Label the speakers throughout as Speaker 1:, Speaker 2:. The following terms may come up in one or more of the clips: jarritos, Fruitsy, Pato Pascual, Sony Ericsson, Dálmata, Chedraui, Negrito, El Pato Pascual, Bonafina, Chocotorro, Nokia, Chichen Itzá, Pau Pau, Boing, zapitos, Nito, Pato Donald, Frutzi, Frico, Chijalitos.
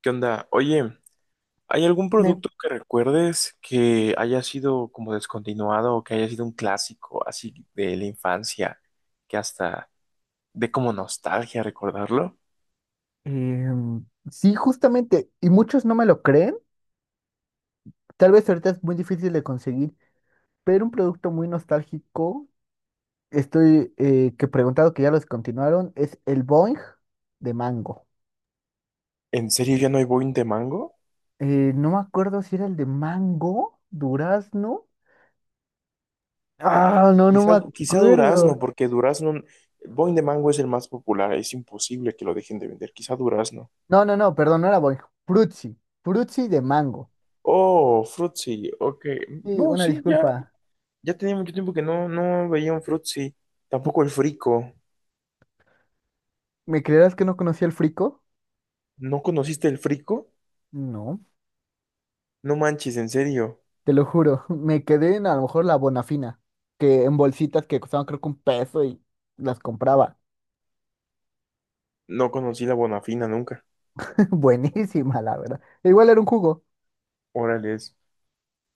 Speaker 1: ¿Qué onda? Oye, ¿hay algún
Speaker 2: Me-
Speaker 1: producto que recuerdes que haya sido como descontinuado o que haya sido un clásico así de la infancia que hasta de como nostalgia recordarlo?
Speaker 2: em, sí, justamente, y muchos no me lo creen. Tal vez ahorita es muy difícil de conseguir, pero un producto muy nostálgico, estoy que he preguntado que ya lo descontinuaron, es el Boing de mango.
Speaker 1: ¿En serio ya no hay Boing de mango?
Speaker 2: No me acuerdo si era el de mango, durazno. Ah, no, no
Speaker 1: Quizá,
Speaker 2: me
Speaker 1: quizá durazno,
Speaker 2: acuerdo.
Speaker 1: porque durazno, Boing de mango es el más popular, es imposible que lo dejen de vender, quizá durazno.
Speaker 2: No, no, no, perdón, no era Boing. Frutzi, Frutzi de mango.
Speaker 1: Oh, Fruitsy, ok.
Speaker 2: Sí,
Speaker 1: No,
Speaker 2: una
Speaker 1: sí, ya,
Speaker 2: disculpa.
Speaker 1: ya tenía mucho tiempo que no veía un Fruitsy, tampoco el Frico.
Speaker 2: ¿Me creerás que no conocía el frico?
Speaker 1: ¿No conociste el Frico?
Speaker 2: No.
Speaker 1: No manches, en serio.
Speaker 2: Te lo juro, me quedé en a lo mejor la Bonafina, que en bolsitas que costaban creo que un peso y las compraba.
Speaker 1: No conocí la Bonafina nunca.
Speaker 2: Buenísima, la verdad. Igual era un jugo.
Speaker 1: Órale.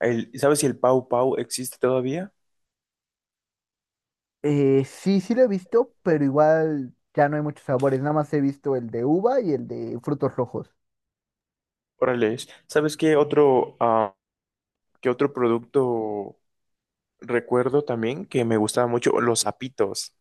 Speaker 1: ¿Sabes si el Pau Pau existe todavía?
Speaker 2: Sí, sí lo he visto, pero igual ya no hay muchos sabores. Nada más he visto el de uva y el de frutos rojos.
Speaker 1: Órale. ¿Sabes qué otro, qué otro producto recuerdo también que me gustaba mucho? Los zapitos.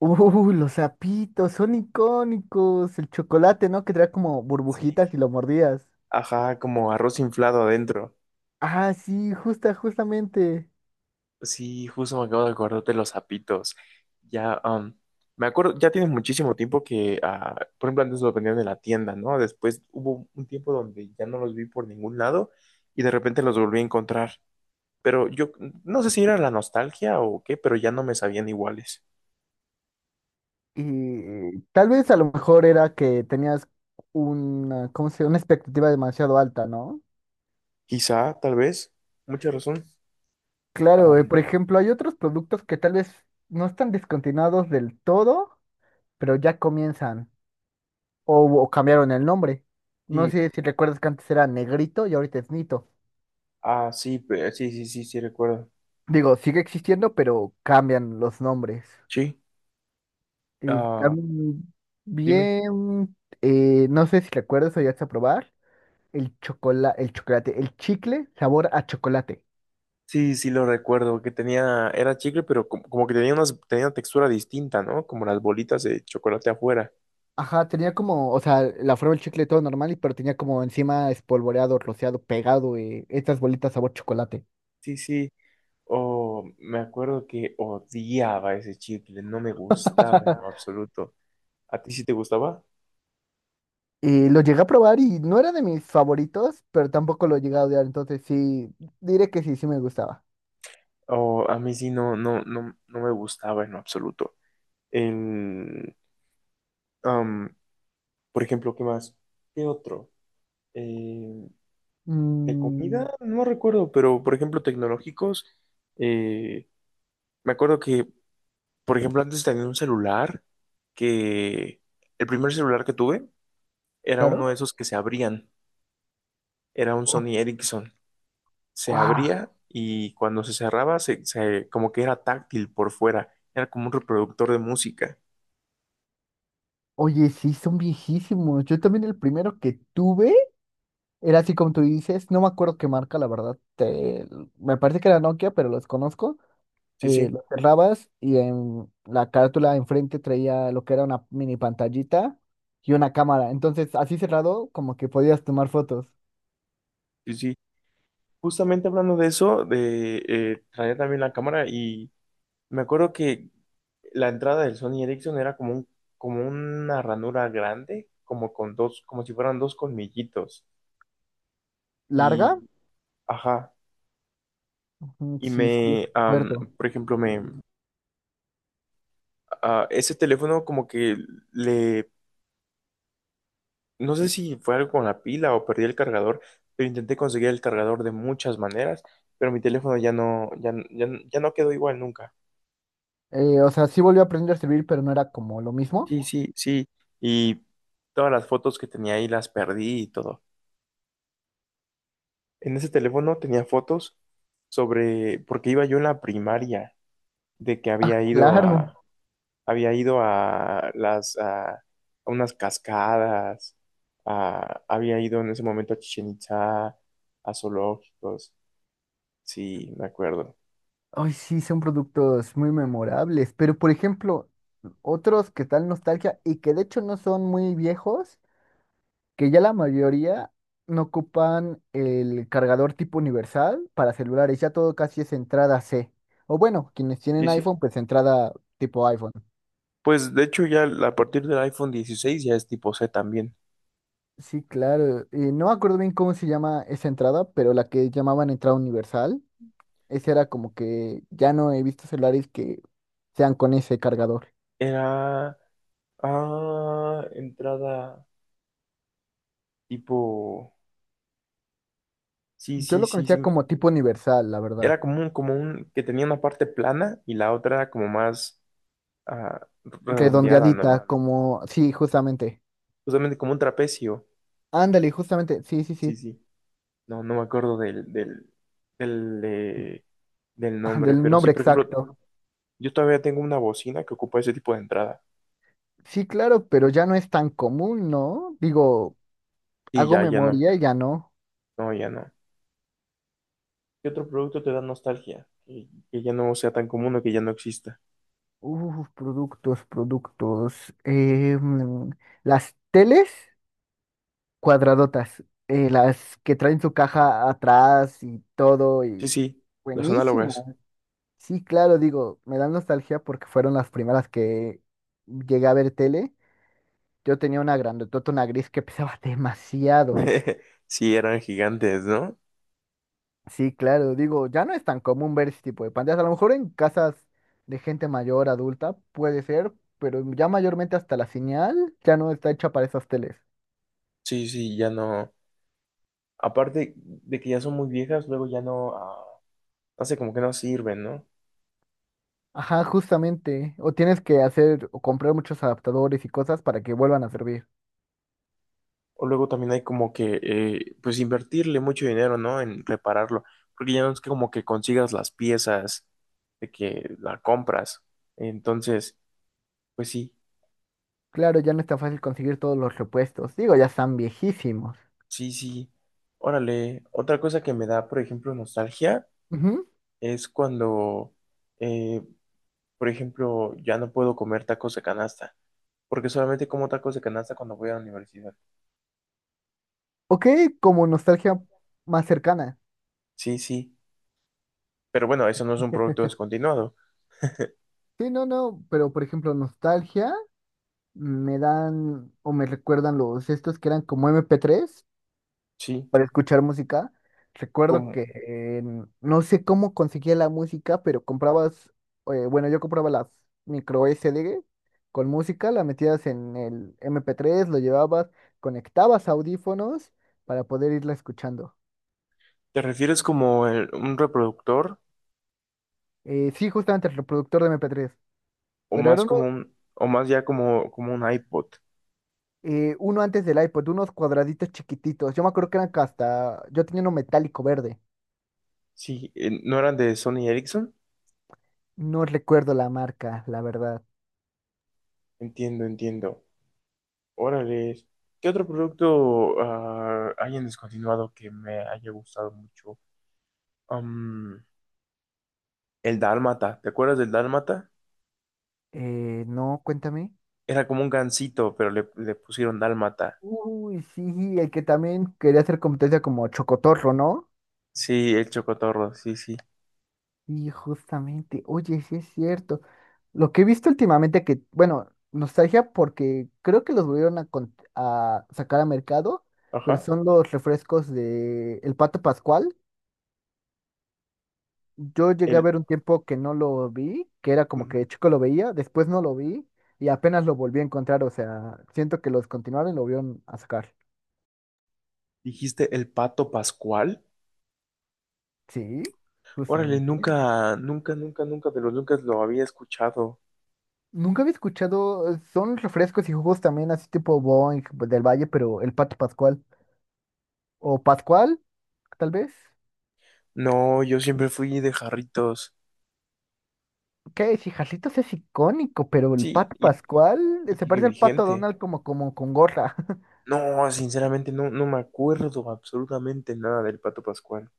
Speaker 2: Los sapitos, son icónicos. El chocolate, ¿no? Que trae como
Speaker 1: Sí.
Speaker 2: burbujitas y lo mordías.
Speaker 1: Ajá, como arroz inflado adentro.
Speaker 2: Ah, sí, justamente.
Speaker 1: Sí, justo me acabo de acordar de los zapitos. Ya, me acuerdo, ya tiene muchísimo tiempo que, por ejemplo, antes los vendían en la tienda, ¿no? Después hubo un tiempo donde ya no los vi por ningún lado y de repente los volví a encontrar. Pero yo no sé si era la nostalgia o qué, pero ya no me sabían iguales.
Speaker 2: Y tal vez a lo mejor era que tenías una, ¿cómo se llama? Una expectativa demasiado alta, ¿no?
Speaker 1: Quizá, tal vez, mucha razón. Ah,
Speaker 2: Claro, por ejemplo, hay otros productos que tal vez no están descontinuados del todo, pero ya comienzan o cambiaron el nombre. No
Speaker 1: sí,
Speaker 2: sé si recuerdas que antes era Negrito y ahorita es Nito.
Speaker 1: ah, sí, sí, sí, sí, sí, recuerdo.
Speaker 2: Digo, sigue existiendo, pero cambian los nombres.
Speaker 1: Sí,
Speaker 2: Y
Speaker 1: ah,
Speaker 2: también,
Speaker 1: dime.
Speaker 2: bien, no sé si recuerdas o llegaste a probar el chocolate, el chicle sabor a chocolate.
Speaker 1: Sí, sí, lo recuerdo, que tenía, era chicle, pero como, como que tenía, unas, tenía una textura distinta, ¿no? Como las bolitas de chocolate afuera.
Speaker 2: Ajá, tenía como, o sea, la forma del chicle todo normal, y pero tenía como encima espolvoreado, rociado, pegado, estas bolitas sabor chocolate.
Speaker 1: Sí, sí. O me acuerdo que odiaba ese chicle, no me gustaba en lo absoluto. ¿A ti sí te gustaba?
Speaker 2: Y lo llegué a probar y no era de mis favoritos, pero tampoco lo llegué a odiar, entonces sí, diré que sí, sí me gustaba.
Speaker 1: O a mí sí no, no, no, no me gustaba en lo absoluto. El, am, por ejemplo, ¿qué más? ¿Qué otro? Eh, de
Speaker 2: Mm,
Speaker 1: comida, no recuerdo, pero por ejemplo, tecnológicos. eh, me acuerdo que, por ejemplo, antes tenía un celular que el primer celular que tuve era uno
Speaker 2: claro.
Speaker 1: de esos que se abrían. Era un
Speaker 2: Oh,
Speaker 1: Sony Ericsson. Se
Speaker 2: ¡guau!
Speaker 1: abría y cuando se cerraba, como que era táctil por fuera. Era como un reproductor de música.
Speaker 2: Oye, sí, son viejísimos. Yo también el primero que tuve era así como tú dices, no me acuerdo qué marca, la verdad. Me parece que era Nokia, pero los conozco.
Speaker 1: Sí,
Speaker 2: Eh,
Speaker 1: sí,
Speaker 2: lo cerrabas y en la carátula de enfrente traía lo que era una mini pantallita y una cámara. Entonces, así cerrado, como que podías tomar fotos.
Speaker 1: sí, sí. Justamente hablando de eso, de traía también la cámara y me acuerdo que la entrada del Sony Ericsson era como un, como una ranura grande, como con dos, como si fueran dos colmillitos.
Speaker 2: ¿Larga?
Speaker 1: Y, ajá,
Speaker 2: Mm,
Speaker 1: y
Speaker 2: sí, sí, recuerdo.
Speaker 1: por ejemplo, a ese teléfono como que le, no sé si fue algo con la pila o perdí el cargador, pero intenté conseguir el cargador de muchas maneras, pero mi teléfono ya no, ya no quedó igual nunca.
Speaker 2: O sea, sí volvió a aprender a servir, pero no era como lo mismo.
Speaker 1: Sí, sí, sí. Y todas las fotos que tenía ahí las perdí y todo. En ese teléfono tenía fotos sobre, porque iba yo en la primaria, de que
Speaker 2: Claro.
Speaker 1: había ido a las, a unas cascadas, había ido en ese momento a Chichen Itzá, a zoológicos. Sí, me acuerdo.
Speaker 2: Ay, sí, son productos muy memorables. Pero, por ejemplo, otros que tal nostalgia y que de hecho no son muy viejos, que ya la mayoría no ocupan el cargador tipo universal para celulares, ya todo casi es entrada C. O bueno, quienes tienen
Speaker 1: Sí, sí.
Speaker 2: iPhone, pues entrada tipo iPhone.
Speaker 1: Pues de hecho ya a partir del iPhone 16 ya es tipo C también.
Speaker 2: Sí, claro. Y no me acuerdo bien cómo se llama esa entrada, pero la que llamaban entrada universal, esa era como que ya no he visto celulares que sean con ese cargador.
Speaker 1: Era, entrada. Tipo, sí,
Speaker 2: Yo
Speaker 1: sí,
Speaker 2: lo
Speaker 1: sí, sí.
Speaker 2: conocía como tipo universal, la verdad.
Speaker 1: Era como un, que tenía una parte plana y la otra era como más redondeada, ¿no?
Speaker 2: Redondeadita, como sí, justamente.
Speaker 1: Justamente como un trapecio.
Speaker 2: Ándale, justamente. Sí, sí,
Speaker 1: Sí,
Speaker 2: sí.
Speaker 1: sí. No, no me acuerdo del, eh, del
Speaker 2: Ah,
Speaker 1: nombre.
Speaker 2: del
Speaker 1: Pero sí,
Speaker 2: nombre
Speaker 1: por ejemplo,
Speaker 2: exacto.
Speaker 1: yo todavía tengo una bocina que ocupa ese tipo de entrada.
Speaker 2: Sí, claro, pero ya no es tan común, ¿no? Digo,
Speaker 1: Y
Speaker 2: hago
Speaker 1: ya, ya no.
Speaker 2: memoria y ya no.
Speaker 1: No, ya no. ¿Qué otro producto te da nostalgia? Que ya no sea tan común o que ya no exista.
Speaker 2: Uf, productos, productos. Mm, las teles cuadradotas, las que traen su caja atrás y todo,
Speaker 1: Sí,
Speaker 2: y
Speaker 1: sí, los análogas.
Speaker 2: buenísimo. Sí, claro, digo, me dan nostalgia porque fueron las primeras que llegué a ver tele. Yo tenía una grandotota, una gris que pesaba demasiado.
Speaker 1: Sí, eran gigantes, ¿no?
Speaker 2: Sí, claro, digo, ya no es tan común ver ese tipo de pantallas. A lo mejor en casas de gente mayor, adulta, puede ser, pero ya mayormente hasta la señal ya no está hecha para esas teles.
Speaker 1: Sí, sí, ya no. Aparte de que ya son muy viejas, luego ya no, no sé, como que no sirven, ¿no?
Speaker 2: Ajá, justamente. O tienes que hacer o comprar muchos adaptadores y cosas para que vuelvan a servir.
Speaker 1: O luego también hay como que, pues invertirle mucho dinero, ¿no? En repararlo, porque ya no es como que consigas las piezas, de que la compras. Entonces, pues sí,
Speaker 2: Claro, ya no está fácil conseguir todos los repuestos. Digo, ya están viejísimos.
Speaker 1: sí, sí. Órale, otra cosa que me da, por ejemplo, nostalgia
Speaker 2: Ujú.
Speaker 1: es cuando, eh, por ejemplo, ya no puedo comer tacos de canasta, porque solamente como tacos de canasta cuando voy a la universidad.
Speaker 2: Ok, como nostalgia más cercana.
Speaker 1: Sí, sí. Pero bueno, eso no es un producto descontinuado.
Speaker 2: Sí, no, no, pero por ejemplo, nostalgia me dan o me recuerdan los estos que eran como MP3,
Speaker 1: Sí,
Speaker 2: para escuchar música. Recuerdo
Speaker 1: como
Speaker 2: que no sé cómo conseguía la música, pero comprabas, bueno, yo compraba las micro SD con música, la metías en el MP3, lo llevabas, conectabas audífonos para poder irla escuchando.
Speaker 1: ¿te refieres como un reproductor
Speaker 2: Sí, justamente el reproductor de MP3,
Speaker 1: o
Speaker 2: pero era
Speaker 1: más
Speaker 2: uno,
Speaker 1: como un o más ya como como un iPod?
Speaker 2: uno antes del iPod, unos cuadraditos chiquititos. Yo me acuerdo que eran que hasta, yo tenía uno metálico verde.
Speaker 1: Sí, ¿no eran de Sony Ericsson?
Speaker 2: No recuerdo la marca, la verdad.
Speaker 1: Entiendo, entiendo. Órale. ¿Qué otro producto hay en descontinuado que me haya gustado mucho? Am, el Dálmata. ¿Te acuerdas del Dálmata?
Speaker 2: No, cuéntame.
Speaker 1: Era como un gansito, pero le pusieron Dálmata.
Speaker 2: Uy, sí, el que también quería hacer competencia como Chocotorro, ¿no?
Speaker 1: Sí, el Chocotorro, sí, sí.
Speaker 2: Y justamente, oye, sí es cierto. Lo que he visto últimamente que, bueno, nostalgia porque creo que los volvieron a, a sacar a mercado, pero
Speaker 1: Ajá.
Speaker 2: son los refrescos de El Pato Pascual. Yo llegué a
Speaker 1: El,
Speaker 2: ver un tiempo que no lo vi, que era como que chico lo veía, después no lo vi y apenas lo volví a encontrar, o sea, siento que los continuaron y lo volvieron a sacar.
Speaker 1: Dijiste el pato Pascual.
Speaker 2: Sí,
Speaker 1: Órale,
Speaker 2: justamente.
Speaker 1: nunca, nunca, nunca, nunca de los nunca lo había escuchado.
Speaker 2: Nunca había escuchado, son refrescos y jugos también así tipo Boing del Valle, pero el Pato Pascual. O Pascual, tal vez.
Speaker 1: No, yo siempre fui de jarritos.
Speaker 2: Que Chijalitos es icónico, pero el
Speaker 1: Sí,
Speaker 2: Pato Pascual
Speaker 1: y
Speaker 2: se
Speaker 1: sigue
Speaker 2: parece al Pato
Speaker 1: vigente.
Speaker 2: Donald como, como con gorra.
Speaker 1: No, sinceramente no, no me acuerdo absolutamente nada del pato Pascual.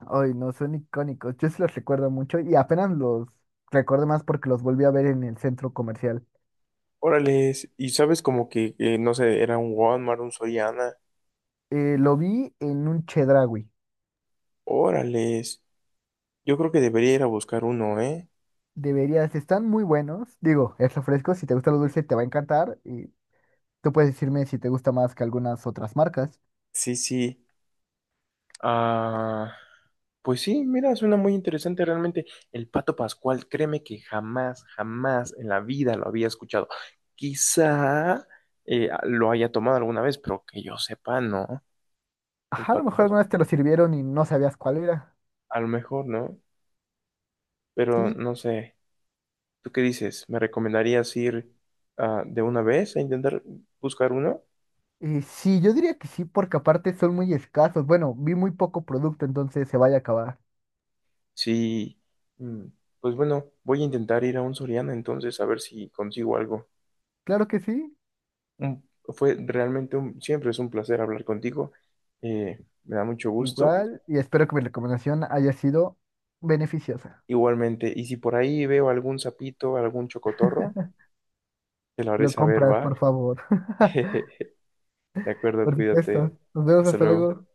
Speaker 2: Ay, no, son icónicos. Yo sí los recuerdo mucho y apenas los recuerdo más porque los volví a ver en el centro comercial.
Speaker 1: Órales, y sabes como que, no sé, era un Walmart, un Soriana.
Speaker 2: Lo vi en un Chedraui.
Speaker 1: Órales, yo creo que debería ir a buscar uno, ¿eh?
Speaker 2: Deberías, están muy buenos. Digo, es refresco, si te gusta lo dulce te va a encantar y tú puedes decirme si te gusta más que algunas otras marcas.
Speaker 1: Sí, sí. Ah, pues sí, mira, suena muy interesante realmente. El Pato Pascual, créeme que jamás, jamás en la vida lo había escuchado. Quizá lo haya tomado alguna vez, pero que yo sepa, no. El
Speaker 2: Ajá, a lo
Speaker 1: Pato
Speaker 2: mejor
Speaker 1: Pascual.
Speaker 2: algunas te lo sirvieron y no sabías cuál era.
Speaker 1: A lo mejor, ¿no? Pero
Speaker 2: Sí,
Speaker 1: no sé. ¿Tú qué dices? ¿Me recomendarías ir de una vez a intentar buscar uno?
Speaker 2: sí, yo diría que sí, porque aparte son muy escasos. Bueno, vi muy poco producto, entonces se vaya a acabar.
Speaker 1: Sí. Mm, pues bueno, voy a intentar ir a un Soriana entonces a ver si consigo algo.
Speaker 2: Claro que sí,
Speaker 1: Fue realmente un, siempre es un placer hablar contigo. Me da mucho gusto.
Speaker 2: igual, y espero que mi recomendación haya sido beneficiosa.
Speaker 1: Igualmente, y si por ahí veo algún sapito, algún chocotorro, te lo haré
Speaker 2: Lo
Speaker 1: saber,
Speaker 2: compras, por
Speaker 1: ¿va?
Speaker 2: favor.
Speaker 1: De acuerdo,
Speaker 2: Por supuesto.
Speaker 1: cuídate.
Speaker 2: Nos vemos,
Speaker 1: Hasta
Speaker 2: hasta
Speaker 1: luego.
Speaker 2: luego.